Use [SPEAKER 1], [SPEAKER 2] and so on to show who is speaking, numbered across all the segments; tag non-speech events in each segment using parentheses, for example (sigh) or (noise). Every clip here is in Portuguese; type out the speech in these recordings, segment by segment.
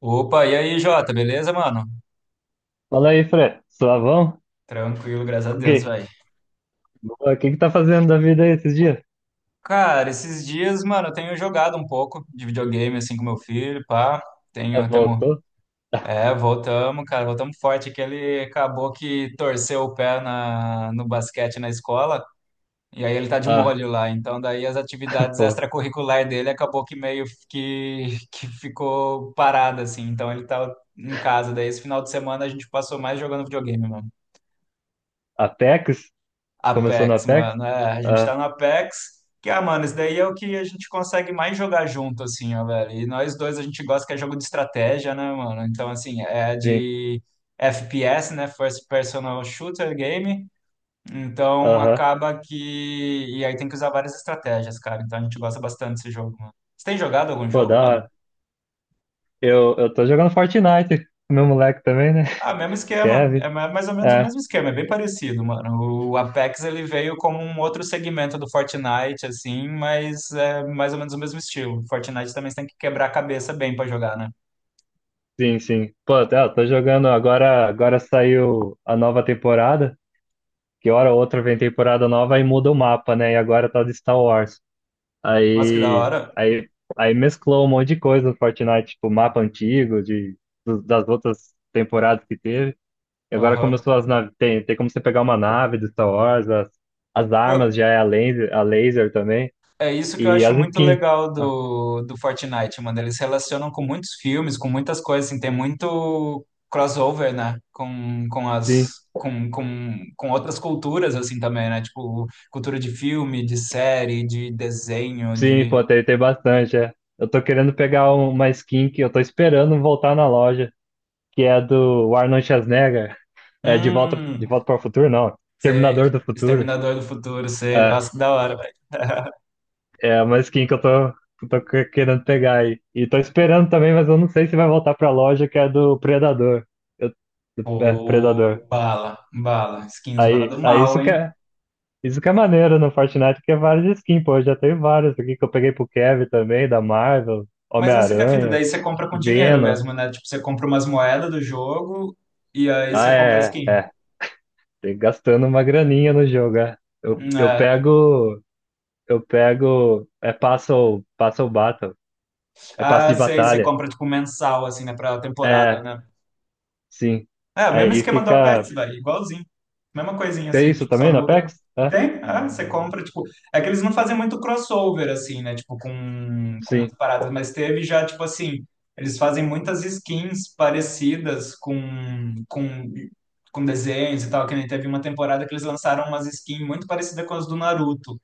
[SPEAKER 1] Opa, e aí, Jota, beleza, mano?
[SPEAKER 2] Fala aí, Fred. Suavão?
[SPEAKER 1] Tranquilo, graças a
[SPEAKER 2] O
[SPEAKER 1] Deus,
[SPEAKER 2] que?
[SPEAKER 1] velho.
[SPEAKER 2] O que que tá fazendo da vida aí esses dias?
[SPEAKER 1] Cara, esses dias, mano, eu tenho jogado um pouco de videogame, assim, com meu filho, pá.
[SPEAKER 2] Ah,
[SPEAKER 1] Tenho, tamo,
[SPEAKER 2] voltou? (laughs)
[SPEAKER 1] Voltamos, cara, voltamos forte, que ele acabou que torceu o pé no basquete na escola, e aí ele tá de
[SPEAKER 2] Ah,
[SPEAKER 1] molho lá. Então, daí as atividades
[SPEAKER 2] pô.
[SPEAKER 1] extracurriculares dele acabou que meio que ficou parada, assim. Então, ele tá em casa. Daí, esse final de semana, a gente passou mais jogando videogame, mano.
[SPEAKER 2] Apex? Começou no
[SPEAKER 1] Apex,
[SPEAKER 2] Apex?
[SPEAKER 1] mano. É, a gente
[SPEAKER 2] Ah,
[SPEAKER 1] tá no Apex, que, ah, mano, isso daí é o que a gente consegue mais jogar junto, assim, ó, velho. E nós dois a gente gosta que é jogo de estratégia, né, mano? Então, assim, é
[SPEAKER 2] sim.
[SPEAKER 1] de FPS, né? First Personal Shooter Game. Então,
[SPEAKER 2] Aham.
[SPEAKER 1] acaba que. E aí tem que usar várias estratégias, cara. Então, a gente gosta bastante desse jogo, mano. Você tem jogado algum
[SPEAKER 2] Pô,
[SPEAKER 1] jogo,
[SPEAKER 2] da
[SPEAKER 1] mano?
[SPEAKER 2] hora. Eu tô jogando Fortnite. Meu moleque também, né? (laughs)
[SPEAKER 1] Ah, mesmo esquema. É
[SPEAKER 2] Kevin.
[SPEAKER 1] mais ou menos o
[SPEAKER 2] É,
[SPEAKER 1] mesmo esquema, é bem parecido, mano. O Apex ele veio como um outro segmento do Fortnite, assim, mas é mais ou menos o mesmo estilo. Fortnite também você tem que quebrar a cabeça bem pra jogar, né?
[SPEAKER 2] sim, sim. Pô, tá, eu tô jogando agora. Agora saiu a nova temporada. Que hora ou outra vem temporada nova e muda o mapa, né? E agora tá de Star Wars.
[SPEAKER 1] Nossa, que da
[SPEAKER 2] Aí,
[SPEAKER 1] hora.
[SPEAKER 2] aí, aí mesclou um monte de coisa do Fortnite, tipo mapa antigo de, das outras temporadas que teve. E agora
[SPEAKER 1] Aham.
[SPEAKER 2] começou as naves. Tem como você pegar uma nave do Star Wars, as armas já é a laser também.
[SPEAKER 1] É isso que eu
[SPEAKER 2] E
[SPEAKER 1] acho
[SPEAKER 2] as
[SPEAKER 1] muito
[SPEAKER 2] skins.
[SPEAKER 1] legal
[SPEAKER 2] Ah,
[SPEAKER 1] do Fortnite, mano. Eles relacionam com muitos filmes, com muitas coisas, assim, tem muito crossover, né? Com
[SPEAKER 2] sim,
[SPEAKER 1] as com outras culturas, assim, também, né? Tipo, cultura de filme, de série, de desenho,
[SPEAKER 2] sim,
[SPEAKER 1] de.
[SPEAKER 2] pô, tem, tem bastante, é. Eu tô querendo pegar um, uma skin que eu tô esperando voltar na loja, que é do Arnold Schwarzenegger. É,
[SPEAKER 1] Hum,
[SPEAKER 2] de volta para o futuro, não.
[SPEAKER 1] Sei,
[SPEAKER 2] Terminador do futuro.
[SPEAKER 1] Exterminador do Futuro, sei,
[SPEAKER 2] É.
[SPEAKER 1] nossa, que da hora, velho.
[SPEAKER 2] É a manskin que eu tô querendo pegar aí. E tô esperando também, mas eu não sei se vai voltar pra loja que é do Predador. Eu- é, Predador.
[SPEAKER 1] Pô, bala, bala, skinzona
[SPEAKER 2] Aí,
[SPEAKER 1] do
[SPEAKER 2] aí
[SPEAKER 1] mal, hein?
[SPEAKER 2] isso que é maneiro no Fortnite, que é várias skins, pô. Eu já tenho várias aqui que eu peguei pro Kevin também, da Marvel,
[SPEAKER 1] Mas essa que é a fita,
[SPEAKER 2] Homem-Aranha,
[SPEAKER 1] daí você compra com dinheiro
[SPEAKER 2] Venom.
[SPEAKER 1] mesmo, né? Tipo, você compra umas moedas do jogo e aí você
[SPEAKER 2] Ah,
[SPEAKER 1] compra
[SPEAKER 2] é, é.
[SPEAKER 1] skin.
[SPEAKER 2] É. Tem gastando uma graninha no jogo, é. Eu, eu
[SPEAKER 1] É.
[SPEAKER 2] pego. Eu pego. É passo, passo battle. É passo
[SPEAKER 1] Ah,
[SPEAKER 2] de
[SPEAKER 1] sei, você
[SPEAKER 2] batalha.
[SPEAKER 1] compra tipo mensal, assim, né? Pra temporada,
[SPEAKER 2] É,
[SPEAKER 1] né?
[SPEAKER 2] sim.
[SPEAKER 1] É, o mesmo
[SPEAKER 2] Aí
[SPEAKER 1] esquema do Apex,
[SPEAKER 2] fica.
[SPEAKER 1] velho, igualzinho. Mesma coisinha
[SPEAKER 2] Tem
[SPEAKER 1] assim,
[SPEAKER 2] isso
[SPEAKER 1] tipo, só
[SPEAKER 2] também na
[SPEAKER 1] muda.
[SPEAKER 2] Apex. É,
[SPEAKER 1] Tem, ah, você compra, tipo. É que eles não fazem muito crossover, assim, né? Tipo, com umas
[SPEAKER 2] sim.
[SPEAKER 1] paradas, mas teve já, tipo assim, eles fazem muitas skins parecidas com desenhos e tal, que nem teve uma temporada que eles lançaram umas skins muito parecidas com as do Naruto.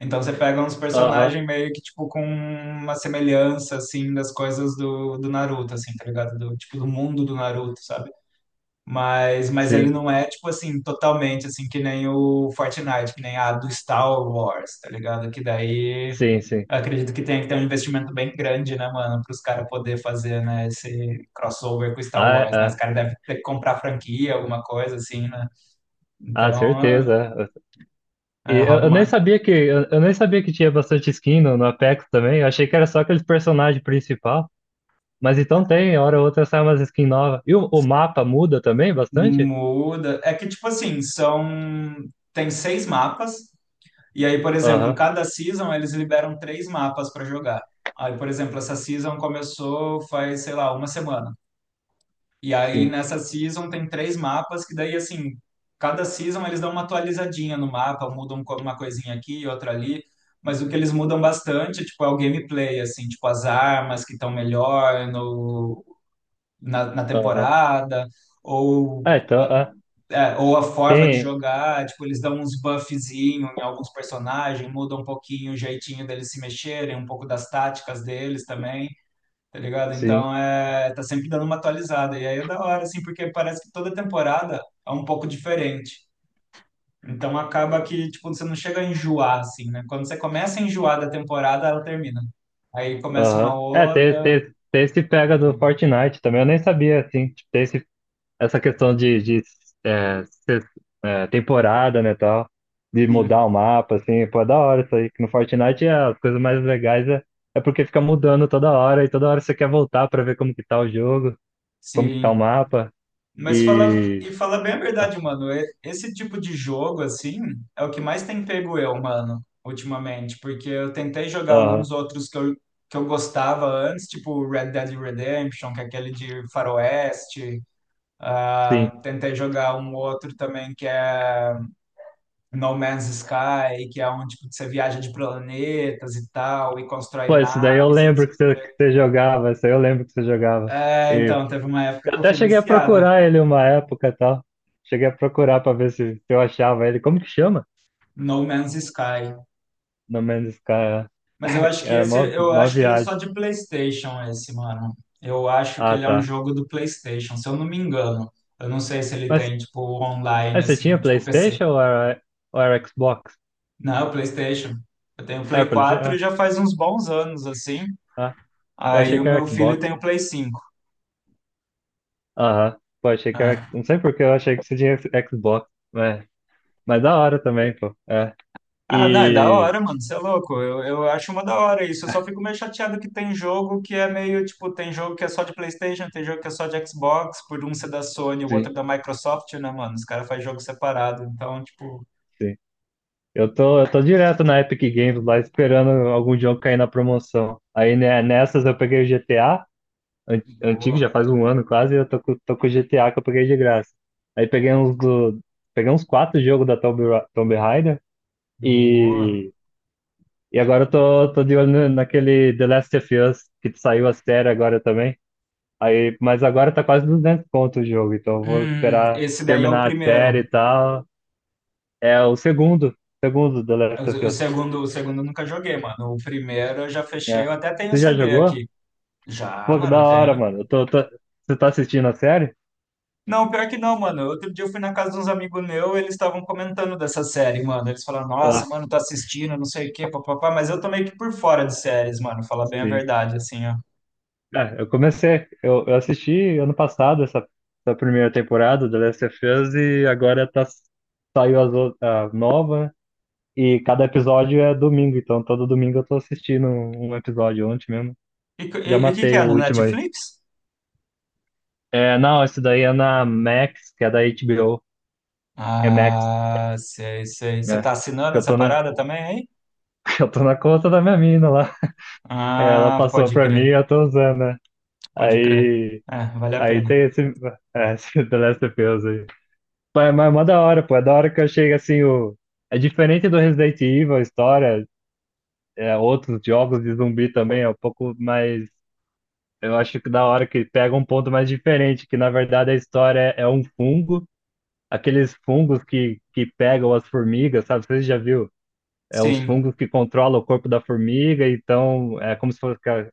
[SPEAKER 1] Então você pega uns
[SPEAKER 2] Aham,
[SPEAKER 1] personagens meio que, tipo, com uma semelhança, assim, das coisas do Naruto, assim, tá ligado? Do, tipo, do mundo do Naruto, sabe? Mas ele
[SPEAKER 2] sim,
[SPEAKER 1] não é, tipo assim, totalmente assim, que nem o Fortnite, que nem a do Star Wars, tá ligado? Que daí
[SPEAKER 2] sim, sim.
[SPEAKER 1] eu acredito que tem que ter um investimento bem grande, né, mano, para os caras poder fazer, né, esse crossover com Star
[SPEAKER 2] Ah,
[SPEAKER 1] Wars, né? Os
[SPEAKER 2] é.
[SPEAKER 1] caras devem ter que comprar franquia, alguma coisa assim, né?
[SPEAKER 2] Ah,
[SPEAKER 1] Então,
[SPEAKER 2] certeza. É.
[SPEAKER 1] é,
[SPEAKER 2] E
[SPEAKER 1] é, rola
[SPEAKER 2] eu nem
[SPEAKER 1] uma
[SPEAKER 2] sabia que eu nem sabia que tinha bastante skin no, no Apex também. Eu achei que era só aqueles personagens principal. Mas então tem, hora ou outra sai umas skin nova. E o mapa muda também bastante?
[SPEAKER 1] muda. É que, tipo assim, são. Tem seis mapas. E aí, por exemplo,
[SPEAKER 2] Aham,
[SPEAKER 1] cada season eles liberam três mapas para jogar. Aí, por exemplo, essa season começou faz, sei lá, uma semana. E aí
[SPEAKER 2] sim.
[SPEAKER 1] nessa season tem três mapas que daí assim, cada season eles dão uma atualizadinha no mapa, mudam uma coisinha aqui, e outra ali, mas o que eles mudam bastante, tipo, é o gameplay assim, tipo as armas que estão melhor no na
[SPEAKER 2] Aham.
[SPEAKER 1] temporada ou
[SPEAKER 2] É, então, ah,
[SPEAKER 1] é, ou a forma de
[SPEAKER 2] tem,
[SPEAKER 1] jogar, tipo, eles dão uns buffzinho em alguns personagens, mudam um pouquinho o jeitinho deles se mexerem, um pouco das táticas deles também, tá ligado?
[SPEAKER 2] sim.
[SPEAKER 1] Então, é, tá sempre dando uma atualizada. E aí é da hora, assim, porque parece que toda temporada é um pouco diferente. Então, acaba que, tipo, você não chega a enjoar, assim, né? Quando você começa a enjoar da temporada, ela termina. Aí começa uma
[SPEAKER 2] Aham. É, tem,
[SPEAKER 1] outra.
[SPEAKER 2] tem, tem esse pega do Fortnite também. Eu nem sabia, assim. Tipo, tem esse essa questão de é, ser é, temporada, né, tal, de mudar
[SPEAKER 1] Sim,
[SPEAKER 2] o mapa, assim, pô, é da hora isso aí. Que no Fortnite é, as coisas mais legais é, é porque fica mudando toda hora, e toda hora você quer voltar pra ver como que tá o jogo, como que tá o
[SPEAKER 1] sim.
[SPEAKER 2] mapa,
[SPEAKER 1] Mas fala,
[SPEAKER 2] e...
[SPEAKER 1] fala bem a
[SPEAKER 2] Ah,
[SPEAKER 1] verdade, mano. Esse tipo de jogo, assim, é o que mais tem pego eu, mano, ultimamente. Porque eu tentei jogar
[SPEAKER 2] aham,
[SPEAKER 1] alguns outros que eu gostava antes, tipo Red Dead Redemption, que é aquele de Faroeste. Ah,
[SPEAKER 2] sim.
[SPEAKER 1] tentei jogar um outro também que é No Man's Sky, que é onde tipo, você viaja de planetas e tal, e constrói
[SPEAKER 2] Pô, isso daí eu
[SPEAKER 1] naves e não
[SPEAKER 2] lembro
[SPEAKER 1] sei o
[SPEAKER 2] que
[SPEAKER 1] quê.
[SPEAKER 2] você jogava, isso aí eu lembro que você jogava.
[SPEAKER 1] É,
[SPEAKER 2] E
[SPEAKER 1] então, teve uma época que eu
[SPEAKER 2] até
[SPEAKER 1] fui
[SPEAKER 2] cheguei a
[SPEAKER 1] viciado.
[SPEAKER 2] procurar ele uma época e tal. Cheguei a procurar pra ver se, se eu achava ele. Como que chama?
[SPEAKER 1] No Man's Sky.
[SPEAKER 2] No Man's Sky,
[SPEAKER 1] Mas
[SPEAKER 2] é.
[SPEAKER 1] eu acho que
[SPEAKER 2] Era
[SPEAKER 1] esse,
[SPEAKER 2] mó,
[SPEAKER 1] eu
[SPEAKER 2] mó
[SPEAKER 1] acho que ele é só
[SPEAKER 2] viagem.
[SPEAKER 1] de PlayStation esse, mano. Eu acho que
[SPEAKER 2] Ah,
[SPEAKER 1] ele é um
[SPEAKER 2] tá.
[SPEAKER 1] jogo do PlayStation, se eu não me engano. Eu não sei se ele
[SPEAKER 2] Mas
[SPEAKER 1] tem tipo online
[SPEAKER 2] aí você
[SPEAKER 1] assim,
[SPEAKER 2] tinha
[SPEAKER 1] tipo
[SPEAKER 2] PlayStation
[SPEAKER 1] PC.
[SPEAKER 2] ou era Xbox?
[SPEAKER 1] Não, PlayStation. Eu tenho
[SPEAKER 2] Era
[SPEAKER 1] Play
[SPEAKER 2] PlayStation?
[SPEAKER 1] 4
[SPEAKER 2] Ah,
[SPEAKER 1] já faz uns bons anos assim.
[SPEAKER 2] ah, eu
[SPEAKER 1] Aí
[SPEAKER 2] achei que
[SPEAKER 1] o meu
[SPEAKER 2] era
[SPEAKER 1] filho
[SPEAKER 2] Xbox.
[SPEAKER 1] tem o Play 5.
[SPEAKER 2] Aham. Pô, achei que era. Não sei por que eu achei que você tinha Xbox. Mas, mas da hora também, pô. É.
[SPEAKER 1] Ah, não, é da
[SPEAKER 2] E.
[SPEAKER 1] hora, mano, você é louco. Eu acho uma da hora isso. Eu só fico meio chateado que tem jogo que é meio, tipo, tem jogo que é só de PlayStation, tem jogo que é só de Xbox, por um ser da Sony, o outro
[SPEAKER 2] Sim,
[SPEAKER 1] da Microsoft, né, mano? Os caras fazem jogo separado. Então, tipo.
[SPEAKER 2] sim. Eu tô direto na Epic Games lá esperando algum jogo cair na promoção. Aí né, nessas eu peguei o GTA, antigo,
[SPEAKER 1] Boa,
[SPEAKER 2] já faz um ano quase, e eu tô, tô com o GTA que eu peguei de graça. Aí peguei uns do. Peguei uns quatro jogos da Tomb, Tomb Raider.
[SPEAKER 1] boa.
[SPEAKER 2] E, e agora eu tô, tô de olho naquele The Last of Us, que saiu a série agora também. Aí, mas agora tá quase 200 conto o jogo, então eu vou esperar
[SPEAKER 1] Esse daí é o
[SPEAKER 2] terminar a série
[SPEAKER 1] primeiro.
[SPEAKER 2] e tal. É o segundo, segundo The
[SPEAKER 1] O,
[SPEAKER 2] Last of
[SPEAKER 1] o
[SPEAKER 2] Us.
[SPEAKER 1] segundo, o segundo eu nunca joguei, mano. O primeiro eu já fechei,
[SPEAKER 2] É.
[SPEAKER 1] eu até tenho o
[SPEAKER 2] Você já
[SPEAKER 1] CD
[SPEAKER 2] jogou?
[SPEAKER 1] aqui. Já,
[SPEAKER 2] Pô, que da
[SPEAKER 1] mano,
[SPEAKER 2] hora,
[SPEAKER 1] tem.
[SPEAKER 2] mano. Você tá assistindo a série?
[SPEAKER 1] Não, pior que não, mano. Outro dia eu fui na casa de uns amigos meus, eles estavam comentando dessa série, mano. Eles falaram, nossa,
[SPEAKER 2] Ah,
[SPEAKER 1] mano, tá assistindo, não sei o quê, papapá. Mas eu tô meio que por fora de séries, mano. Falar bem a
[SPEAKER 2] sim.
[SPEAKER 1] verdade, assim, ó.
[SPEAKER 2] É, eu comecei, eu assisti ano passado essa, essa primeira temporada do The Last of Us e agora tá, saiu as, a nova, e cada episódio é domingo, então todo domingo eu tô assistindo um episódio ontem mesmo.
[SPEAKER 1] E co-
[SPEAKER 2] Já
[SPEAKER 1] e- e o que que
[SPEAKER 2] matei
[SPEAKER 1] é,
[SPEAKER 2] o
[SPEAKER 1] no
[SPEAKER 2] último aí.
[SPEAKER 1] Netflix?
[SPEAKER 2] É, não, esse daí é na Max, que é da HBO. É Max,
[SPEAKER 1] Ah, sei, sei. Você
[SPEAKER 2] né?
[SPEAKER 1] tá assinando
[SPEAKER 2] Que eu
[SPEAKER 1] essa
[SPEAKER 2] tô na,
[SPEAKER 1] parada também, aí?
[SPEAKER 2] (laughs) eu tô na conta da minha mina lá. Ela
[SPEAKER 1] Ah,
[SPEAKER 2] passou
[SPEAKER 1] pode
[SPEAKER 2] pra mim
[SPEAKER 1] crer,
[SPEAKER 2] e eu tô usando, né?
[SPEAKER 1] pode crer.
[SPEAKER 2] Aí,
[SPEAKER 1] É, vale a
[SPEAKER 2] aí
[SPEAKER 1] pena.
[SPEAKER 2] tem esse, é, (laughs) esse The Last of Us aí. Mas é mó da hora, pô. É da hora que eu chego assim, o... É diferente do Resident Evil, a história, é, outros jogos de zumbi também, é um pouco mais. Eu acho que da hora que pega um ponto mais diferente, que na verdade a história é, é um fungo, aqueles fungos que pegam as formigas, sabe? Você já viu? É uns
[SPEAKER 1] Sim,
[SPEAKER 2] fungos que controlam o corpo da formiga, então é como se fosse.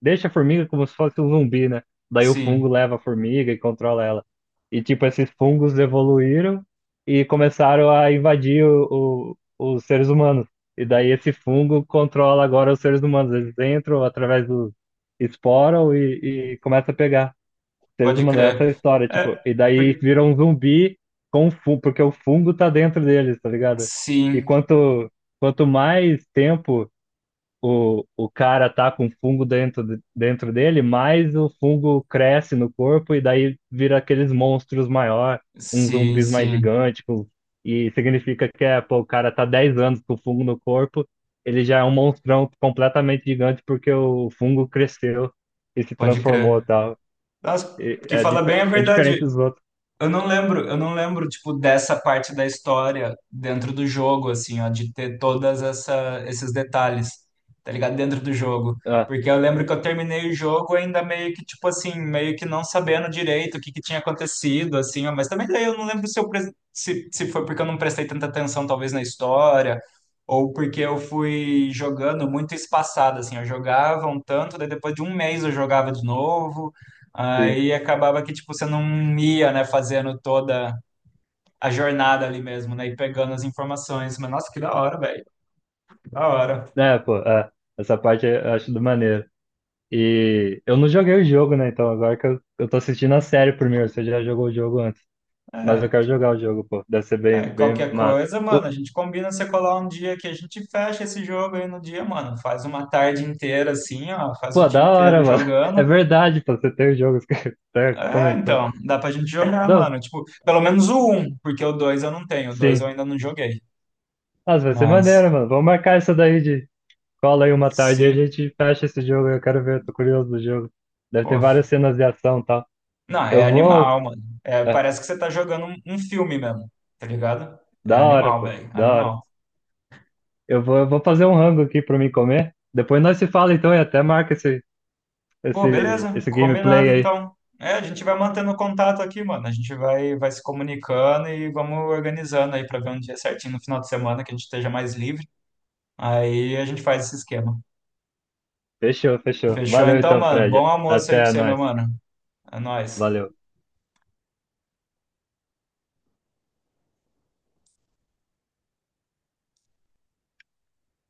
[SPEAKER 2] Deixa a formiga como se fosse um zumbi, né? Daí o fungo
[SPEAKER 1] sim,
[SPEAKER 2] leva a formiga e controla ela. E tipo, esses fungos evoluíram e começaram a invadir o, os seres humanos. E daí esse fungo controla agora os seres humanos. Eles entram através do esporam e começa a pegar seres
[SPEAKER 1] pode
[SPEAKER 2] humanos, essa é a
[SPEAKER 1] crer.
[SPEAKER 2] história,
[SPEAKER 1] É,
[SPEAKER 2] tipo, e daí
[SPEAKER 1] por-
[SPEAKER 2] vira um zumbi com fungo, porque o fungo tá dentro deles, tá ligado? E
[SPEAKER 1] sim,
[SPEAKER 2] quanto, quanto mais tempo o cara tá com fungo dentro, dentro dele, mais o fungo cresce no corpo e daí vira aqueles monstros maior, uns
[SPEAKER 1] sim,
[SPEAKER 2] zumbis mais
[SPEAKER 1] sim,
[SPEAKER 2] gigantes, e significa que é, pô, o cara tá 10 anos com fungo no corpo, ele já é um monstrão completamente gigante porque o fungo cresceu e se
[SPEAKER 1] pode
[SPEAKER 2] transformou,
[SPEAKER 1] crer.
[SPEAKER 2] tá?
[SPEAKER 1] Nossa,
[SPEAKER 2] E-
[SPEAKER 1] porque
[SPEAKER 2] É,
[SPEAKER 1] fala
[SPEAKER 2] dif
[SPEAKER 1] bem a
[SPEAKER 2] é
[SPEAKER 1] verdade.
[SPEAKER 2] diferente dos outros.
[SPEAKER 1] Eu não lembro, tipo, dessa parte da história dentro do jogo, assim, ó, de ter todas esses detalhes, tá ligado? Dentro do jogo.
[SPEAKER 2] Ah,
[SPEAKER 1] Porque eu lembro que eu terminei o jogo ainda meio que, tipo assim, meio que não sabendo direito o que que tinha acontecido, assim, ó, mas também daí eu não lembro se, se foi porque eu não prestei tanta atenção, talvez, na história, ou porque eu fui jogando muito espaçado, assim, eu jogava um tanto, daí depois de um mês eu jogava de novo,
[SPEAKER 2] sim.
[SPEAKER 1] Aí acabava que, tipo, você não ia, né, fazendo toda a jornada ali mesmo, né, e pegando as informações. Mas, nossa, que da hora, velho, que da hora.
[SPEAKER 2] É, pô, é. Essa parte eu acho do maneiro. E eu não joguei o jogo, né? Então agora que eu tô assistindo a série primeiro, você já jogou o jogo antes. Mas eu
[SPEAKER 1] É,
[SPEAKER 2] quero jogar o jogo, pô. Deve ser
[SPEAKER 1] é,
[SPEAKER 2] bem, bem
[SPEAKER 1] qualquer
[SPEAKER 2] massa.
[SPEAKER 1] coisa, mano,
[SPEAKER 2] O-
[SPEAKER 1] a gente combina você colar um dia que a gente fecha esse jogo aí no dia, mano. Faz uma tarde inteira assim, ó, faz o
[SPEAKER 2] pô,
[SPEAKER 1] dia
[SPEAKER 2] da
[SPEAKER 1] inteiro
[SPEAKER 2] hora, mano. (laughs) É
[SPEAKER 1] jogando.
[SPEAKER 2] verdade, pô, você tem o jogo, (laughs) você até
[SPEAKER 1] É,
[SPEAKER 2] comentou.
[SPEAKER 1] então, dá pra gente jogar,
[SPEAKER 2] Não,
[SPEAKER 1] mano. Tipo, pelo menos o um, porque o dois eu não tenho, o dois
[SPEAKER 2] sim.
[SPEAKER 1] eu ainda não joguei.
[SPEAKER 2] Nossa, vai ser
[SPEAKER 1] Mas,
[SPEAKER 2] maneiro, mano. Vamos marcar isso daí de cola aí uma tarde e a
[SPEAKER 1] sim,
[SPEAKER 2] gente fecha esse jogo. Eu quero ver, tô curioso do jogo. Deve ter
[SPEAKER 1] pô.
[SPEAKER 2] várias cenas de ação e tal.
[SPEAKER 1] Não, é
[SPEAKER 2] Eu vou.
[SPEAKER 1] animal, mano. É,
[SPEAKER 2] É,
[SPEAKER 1] parece que você tá jogando um filme mesmo, tá ligado? É
[SPEAKER 2] da hora,
[SPEAKER 1] animal,
[SPEAKER 2] pô.
[SPEAKER 1] velho.
[SPEAKER 2] Da hora.
[SPEAKER 1] Animal.
[SPEAKER 2] Eu vou fazer um rango aqui pra mim comer. Depois nós se fala então e até marca esse,
[SPEAKER 1] Pô,
[SPEAKER 2] esse,
[SPEAKER 1] beleza?
[SPEAKER 2] esse
[SPEAKER 1] Combinado,
[SPEAKER 2] gameplay aí.
[SPEAKER 1] então. É, a gente vai mantendo contato aqui, mano. A gente vai se comunicando e vamos organizando aí pra ver um dia certinho no final de semana que a gente esteja mais livre. Aí a gente faz esse esquema.
[SPEAKER 2] Fechou, fechou.
[SPEAKER 1] Fechou
[SPEAKER 2] Valeu
[SPEAKER 1] então,
[SPEAKER 2] então,
[SPEAKER 1] mano? Bom
[SPEAKER 2] Fred.
[SPEAKER 1] almoço aí pra
[SPEAKER 2] Até
[SPEAKER 1] você, meu
[SPEAKER 2] nós.
[SPEAKER 1] mano. É nóis.
[SPEAKER 2] Valeu.